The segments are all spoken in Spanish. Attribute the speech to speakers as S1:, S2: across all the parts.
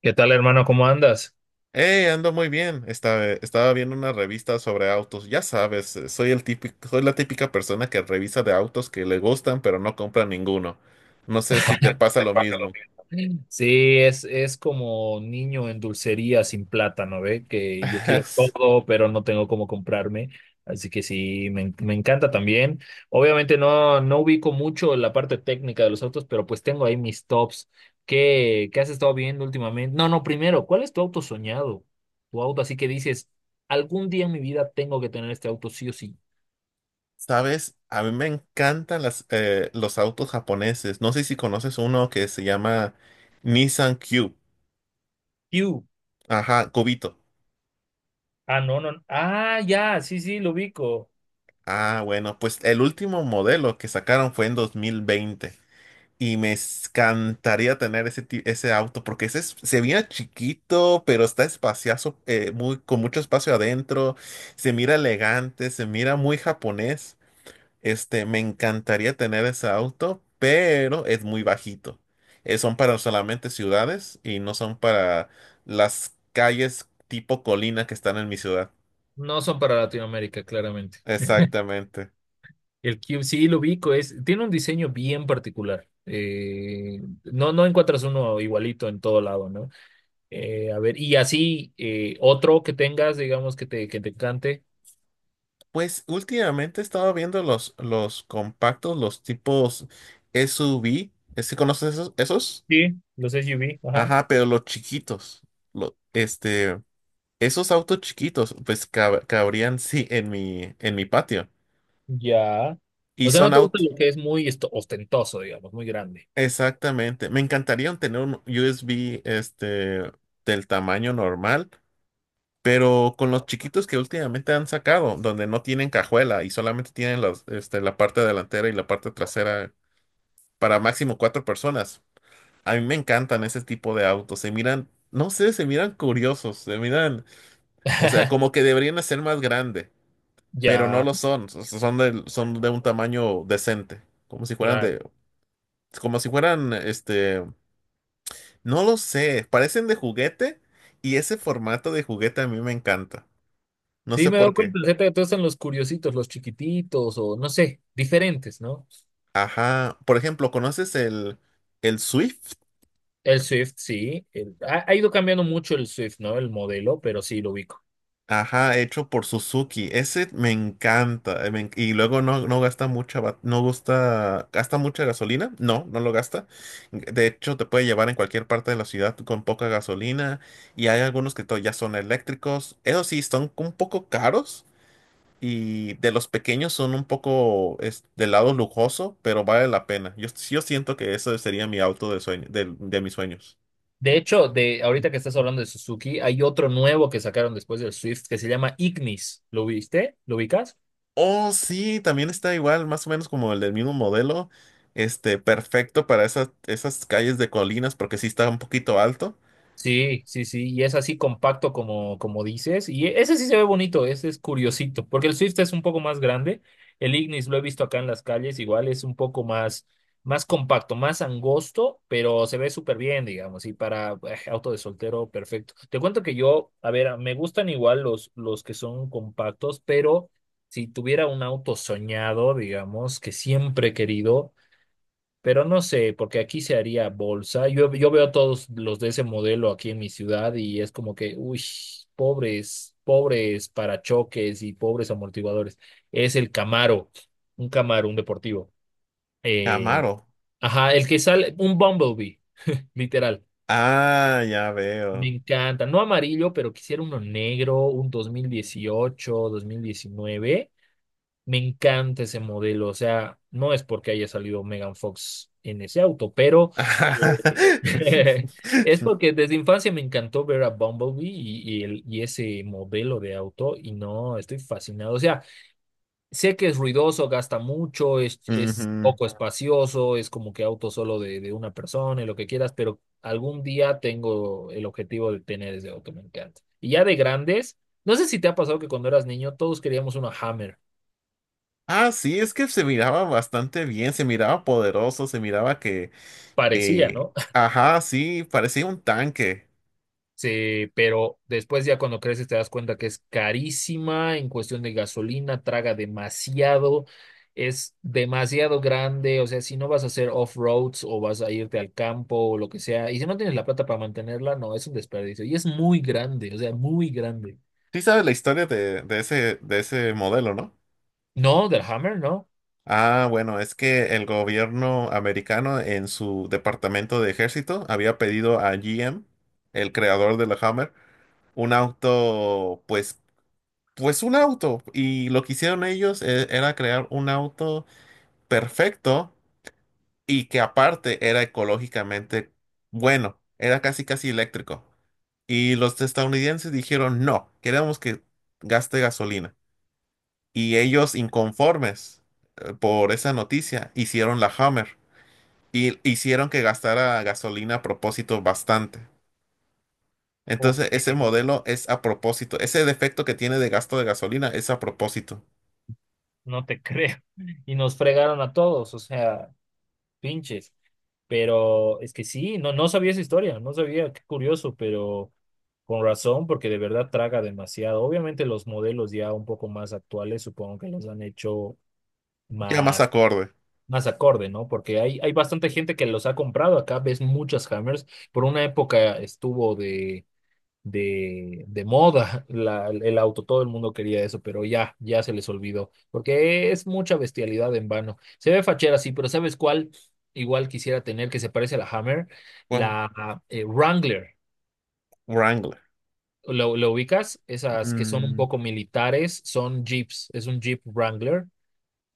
S1: ¿Qué tal, hermano? ¿Cómo andas?
S2: Hey, ando muy bien. Estaba viendo una revista sobre autos. Ya sabes, soy la típica persona que revisa de autos que le gustan, pero no compra ninguno. No sé si te pasa
S1: Te
S2: lo
S1: paga lo
S2: mismo.
S1: mismo. Sí, es como niño en dulcería sin plátano, ¿ve? Que yo quiero todo, pero no tengo cómo comprarme. Así que sí, me encanta también. Obviamente no ubico mucho la parte técnica de los autos, pero pues tengo ahí mis tops. ¿Qué has estado viendo últimamente? No, no, primero, ¿cuál es tu auto soñado? Tu auto así que dices, algún día en mi vida tengo que tener este auto sí o sí.
S2: Sabes, a mí me encantan los autos japoneses. No sé si conoces uno que se llama Nissan Cube.
S1: You.
S2: Ajá, Cubito.
S1: Ah, no, no. Ah, ya, sí, sí, lo ubico.
S2: Ah, bueno, pues el último modelo que sacaron fue en 2020. Y me encantaría tener ese auto porque se mira chiquito, pero está espacioso, con mucho espacio adentro. Se mira elegante, se mira muy japonés. Este, me encantaría tener ese auto, pero es muy bajito. Son para solamente ciudades y no son para las calles tipo colina que están en mi ciudad.
S1: No son para Latinoamérica, claramente.
S2: Exactamente.
S1: El Cube sí lo ubico, es, tiene un diseño bien particular. No encuentras uno igualito en todo lado, ¿no? A ver, y así otro que tengas, digamos, que te encante.
S2: Pues últimamente he estado viendo los compactos, los tipos SUV. ¿Sí conoces esos?
S1: Sí, los SUV, ajá.
S2: Ajá, pero los chiquitos. Lo- este, esos autos chiquitos, pues cabrían sí en en mi patio.
S1: Ya.
S2: Y
S1: O sea,
S2: son
S1: no te gusta
S2: autos.
S1: lo que es muy ostentoso, digamos, muy grande.
S2: Exactamente. Me encantaría tener un USB este, del tamaño normal, pero con los chiquitos que últimamente han sacado, donde no tienen cajuela y solamente tienen la parte delantera y la parte trasera para máximo 4 personas. A mí me encantan ese tipo de autos. Se miran, no sé, se miran curiosos, se miran, o sea, como que deberían de ser más grande, pero no
S1: Ya,
S2: lo son. Son de un tamaño decente, como si fueran
S1: claro.
S2: de, como si fueran, este, no lo sé, parecen de juguete y ese formato de juguete a mí me encanta. No
S1: Sí,
S2: sé
S1: me he
S2: por
S1: dado
S2: qué.
S1: cuenta, Zeta, que todos están los curiositos, los chiquititos, o no sé, diferentes, ¿no?
S2: Ajá. Por ejemplo, ¿conoces el Swift?
S1: El Swift, sí. Ha ido cambiando mucho el Swift, ¿no? El modelo, pero sí lo ubico.
S2: Ajá, hecho por Suzuki. Ese me encanta. Y luego no gasta mucha, ba- no gusta, gasta mucha gasolina. No, no lo gasta. De hecho, te puede llevar en cualquier parte de la ciudad con poca gasolina. Y hay algunos que ya son eléctricos. Eso sí, son un poco caros. Y de los pequeños son un poco es, del lado lujoso, pero vale la pena. Yo siento que ese sería mi auto de sueño, de mis sueños.
S1: De hecho, de ahorita que estás hablando de Suzuki, hay otro nuevo que sacaron después del Swift que se llama Ignis. ¿Lo viste? ¿Lo ubicas?
S2: Oh, sí, también está igual, más o menos como el del mismo modelo. Este, perfecto para esas calles de colinas, porque sí está un poquito alto.
S1: Sí, sí, sí, y es así compacto como dices, y ese sí se ve bonito, ese es curiosito, porque el Swift es un poco más grande, el Ignis lo he visto acá en las calles, igual es un poco más compacto, más angosto, pero se ve súper bien, digamos, y para auto de soltero, perfecto. Te cuento que yo, a ver, me gustan igual los que son compactos, pero si tuviera un auto soñado, digamos, que siempre he querido. Pero no sé, porque aquí se haría bolsa. Yo veo todos los de ese modelo aquí en mi ciudad y es como que, uy, pobres, pobres parachoques y pobres amortiguadores. Es el Camaro, un deportivo. Eh,
S2: Camaro.
S1: ajá, el que sale, un Bumblebee, literal.
S2: Ah, ya
S1: Me
S2: veo.
S1: encanta. No amarillo, pero quisiera uno negro, un 2018 2019. Me encanta ese modelo, o sea, no es porque haya salido Megan Fox en ese auto, pero eh, es porque desde infancia me encantó ver a Bumblebee y ese modelo de auto y no, estoy fascinado. O sea, sé que es ruidoso, gasta mucho, es
S2: Ujú.
S1: poco espacioso, es como que auto solo de una persona y lo que quieras, pero algún día tengo el objetivo de tener ese auto, me encanta. Y ya de grandes, no sé si te ha pasado que cuando eras niño todos queríamos una Hammer.
S2: Ah, sí, es que se miraba bastante bien, se miraba poderoso, se miraba
S1: Parecía,
S2: que-
S1: ¿no?
S2: ajá, sí, parecía un tanque.
S1: Sí, pero después ya cuando creces te das cuenta que es carísima en cuestión de gasolina, traga demasiado, es demasiado grande, o sea, si no vas a hacer off-roads o vas a irte al campo o lo que sea, y si no tienes la plata para mantenerla, no, es un desperdicio. Y es muy grande, o sea, muy grande.
S2: Sí sabes la historia de ese, de ese modelo. No.
S1: No, del Hammer, no.
S2: Ah, bueno, es que el gobierno americano en su departamento de ejército había pedido a GM, el creador de la Hammer, un auto, pues un auto. Y lo que hicieron era crear un auto perfecto y que aparte era ecológicamente bueno, era casi casi eléctrico. Y los estadounidenses dijeron, no, queremos que gaste gasolina. Y ellos inconformes por esa noticia hicieron la Hammer y hicieron que gastara gasolina a propósito bastante.
S1: Ok,
S2: Entonces, ese modelo es a propósito. Ese defecto que tiene de gasto de gasolina es a propósito.
S1: no te creo. Y nos fregaron a todos, o sea, pinches. Pero es que sí, no sabía esa historia, no sabía, qué curioso, pero... Con razón, porque de verdad traga demasiado. Obviamente los modelos ya un poco más actuales supongo que los han hecho
S2: Ya más
S1: más,
S2: acorde.
S1: más acorde, ¿no? Porque hay bastante gente que los ha comprado. Acá ves muchas Hammers. Por una época estuvo de moda el auto, todo el mundo quería eso, pero ya se les olvidó, porque es mucha bestialidad en vano. Se ve fachera, sí, pero ¿sabes cuál? Igual quisiera tener que se parece a la Hammer,
S2: Bueno,
S1: la Wrangler.
S2: Wrangler.
S1: ¿Lo ubicas? Esas que son un
S2: Mm,
S1: poco militares, son Jeeps, es un Jeep Wrangler.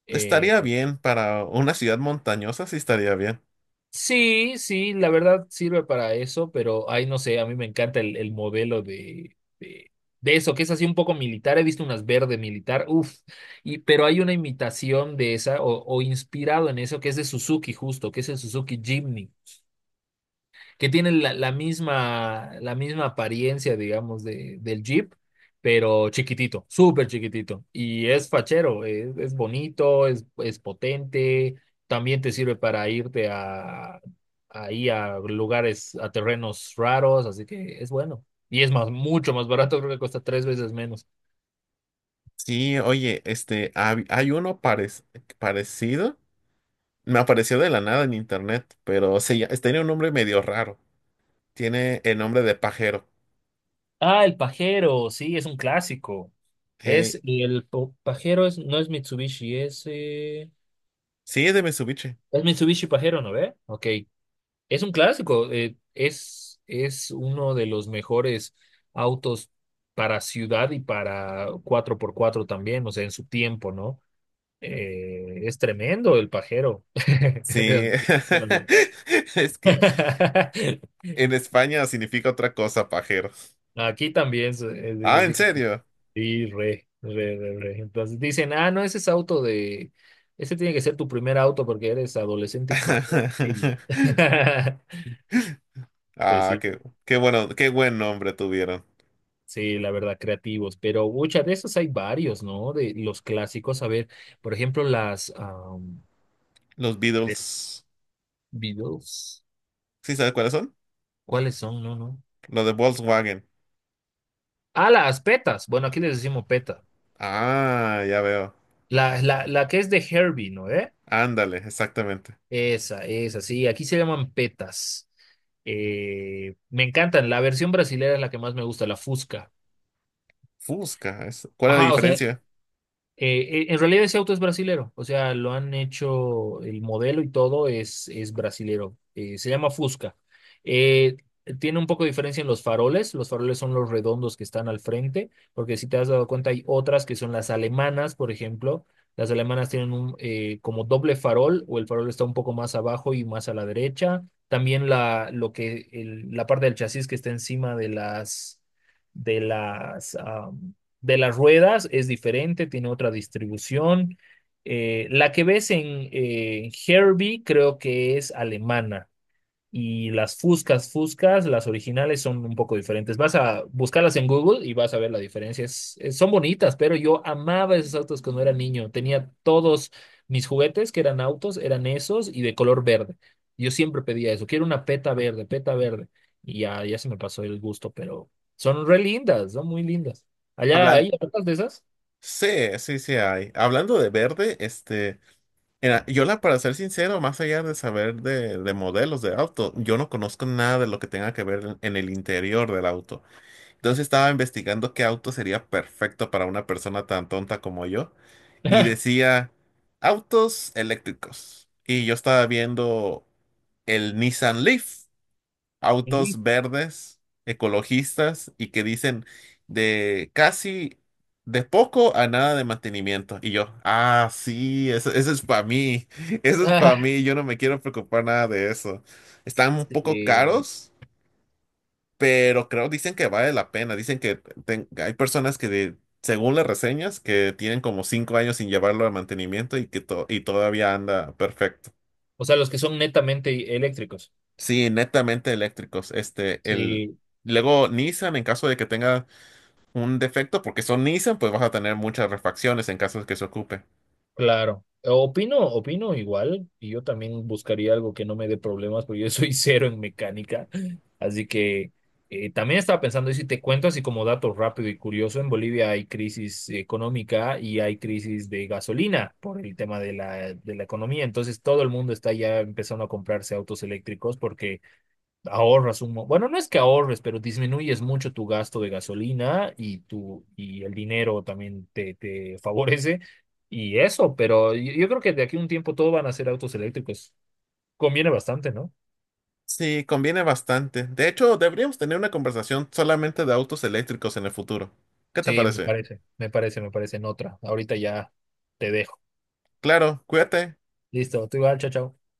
S1: Eh,
S2: estaría bien para una ciudad montañosa, sí estaría bien.
S1: sí, sí, la verdad sirve para eso, pero ay, no sé, a mí me encanta el modelo de eso, que es así un poco militar. He visto unas verde militar, uff, pero hay una imitación de esa o inspirado en eso que es de Suzuki justo, que es el Suzuki Jimny. Que tienen la misma apariencia, digamos, del Jeep, pero chiquitito, súper chiquitito. Y es fachero, es bonito, es potente, también te sirve para irte ahí a lugares, a terrenos raros, así que es bueno. Y es más, mucho más barato, creo que cuesta tres veces menos.
S2: Sí, oye, este, parecido. Me apareció de la nada en internet, pero tenía un nombre medio raro. Tiene el nombre de pajero.
S1: Ah, el pajero, sí, es un clásico.
S2: Hey,
S1: Es el pajero, es, no es Mitsubishi, es, eh,
S2: sí, es de Mitsubishi.
S1: es Mitsubishi pajero, ¿no ve? Ok. Es un clásico, es uno de los mejores autos para ciudad y para cuatro por cuatro también, o sea, en su tiempo, ¿no? Es tremendo el pajero.
S2: Sí, es que en España significa otra cosa, pajero.
S1: Aquí también
S2: Ah, ¿en
S1: significa
S2: serio?
S1: sí, re, re, re, re. Entonces dicen, ah, no, ese es auto ese tiene que ser tu primer auto porque eres adolescente y pajero. Y... Pues
S2: Ah,
S1: sí,
S2: qué bueno, qué buen nombre tuvieron.
S1: sí, la verdad, creativos, pero muchas de esos hay varios, ¿no? De los clásicos, a ver, por ejemplo,
S2: Los
S1: Pe-
S2: Beatles.
S1: Beatles,
S2: ¿Sí sabes cuáles son?
S1: ¿cuáles son? No, no.
S2: Los de Volkswagen.
S1: Ah, las petas, bueno, aquí les decimos peta.
S2: Ah, ya veo.
S1: La que es de Herbie, ¿no? ¿Eh?
S2: Ándale, exactamente.
S1: Esa, sí, aquí se llaman petas. Me encantan, la versión brasilera es la que más me gusta, la Fusca.
S2: Fusca. ¿Cuál es la
S1: Ajá, o sea,
S2: diferencia?
S1: En realidad ese auto es brasilero, o sea, lo han hecho, el modelo y todo es brasilero. Se llama Fusca. Eh, tiene un poco de diferencia en los faroles son los redondos que están al frente, porque si te has dado cuenta hay otras que son las alemanas, por ejemplo. Las alemanas tienen un, como doble farol o el farol está un poco más abajo y más a la derecha. También la parte del chasis que está encima de las, de las ruedas es diferente, tiene otra distribución. La que ves en Herbie creo que es alemana. Y las Fuscas, las originales son un poco diferentes. Vas a buscarlas en Google y vas a ver la diferencia. Son bonitas, pero yo amaba esos autos cuando era niño. Tenía todos mis juguetes que eran autos, eran esos y de color verde. Yo siempre pedía eso. Quiero una peta verde, peta verde. Y ya se me pasó el gusto, pero son re lindas, son muy lindas. Allá
S2: Hablan.
S1: hay tantas de esas.
S2: Sí, sí hay. Hablando de verde, este. Mira, para ser sincero, más allá de saber de modelos de auto, yo no conozco nada de lo que tenga que ver en el interior del auto. Entonces estaba investigando qué auto sería perfecto para una persona tan tonta como yo y decía autos eléctricos. Y yo estaba viendo el Nissan Leaf,
S1: Sí.
S2: autos verdes, ecologistas y que dicen de casi de poco a nada de mantenimiento. Y yo, ah, sí, eso es para mí, eso es para
S1: Ah,
S2: mí, yo no me quiero preocupar nada de eso. Están un poco
S1: sí.
S2: caros, pero creo dicen que vale la pena. Dicen que hay personas que según las reseñas, que tienen como 5 años sin llevarlo a mantenimiento y que y todavía anda perfecto.
S1: O sea, los que son netamente eléctricos.
S2: Sí, netamente eléctricos. Este, el,
S1: Sí.
S2: luego Nissan, en caso de que tenga un defecto, porque son Nissan, pues vas a tener muchas refacciones en caso de que se ocupe.
S1: Claro, opino igual, y yo también buscaría algo que no me dé problemas, porque yo soy cero en mecánica, así que también estaba pensando, y si te cuento así como dato rápido y curioso, en Bolivia hay crisis económica y hay crisis de gasolina por el tema de la economía, entonces todo el mundo está ya empezando a comprarse autos eléctricos porque ahorras bueno, no es que ahorres, pero disminuyes mucho tu gasto de gasolina y el dinero también te favorece y eso, pero yo creo que de aquí a un tiempo todo van a ser autos eléctricos. Conviene bastante, ¿no?
S2: Sí, conviene bastante. De hecho, deberíamos tener una conversación solamente de autos eléctricos en el futuro. ¿Qué te
S1: Sí, me
S2: parece?
S1: parece, me parece, me parece en otra. Ahorita ya te dejo.
S2: Claro, cuídate.
S1: Listo, tú igual, chao, chao.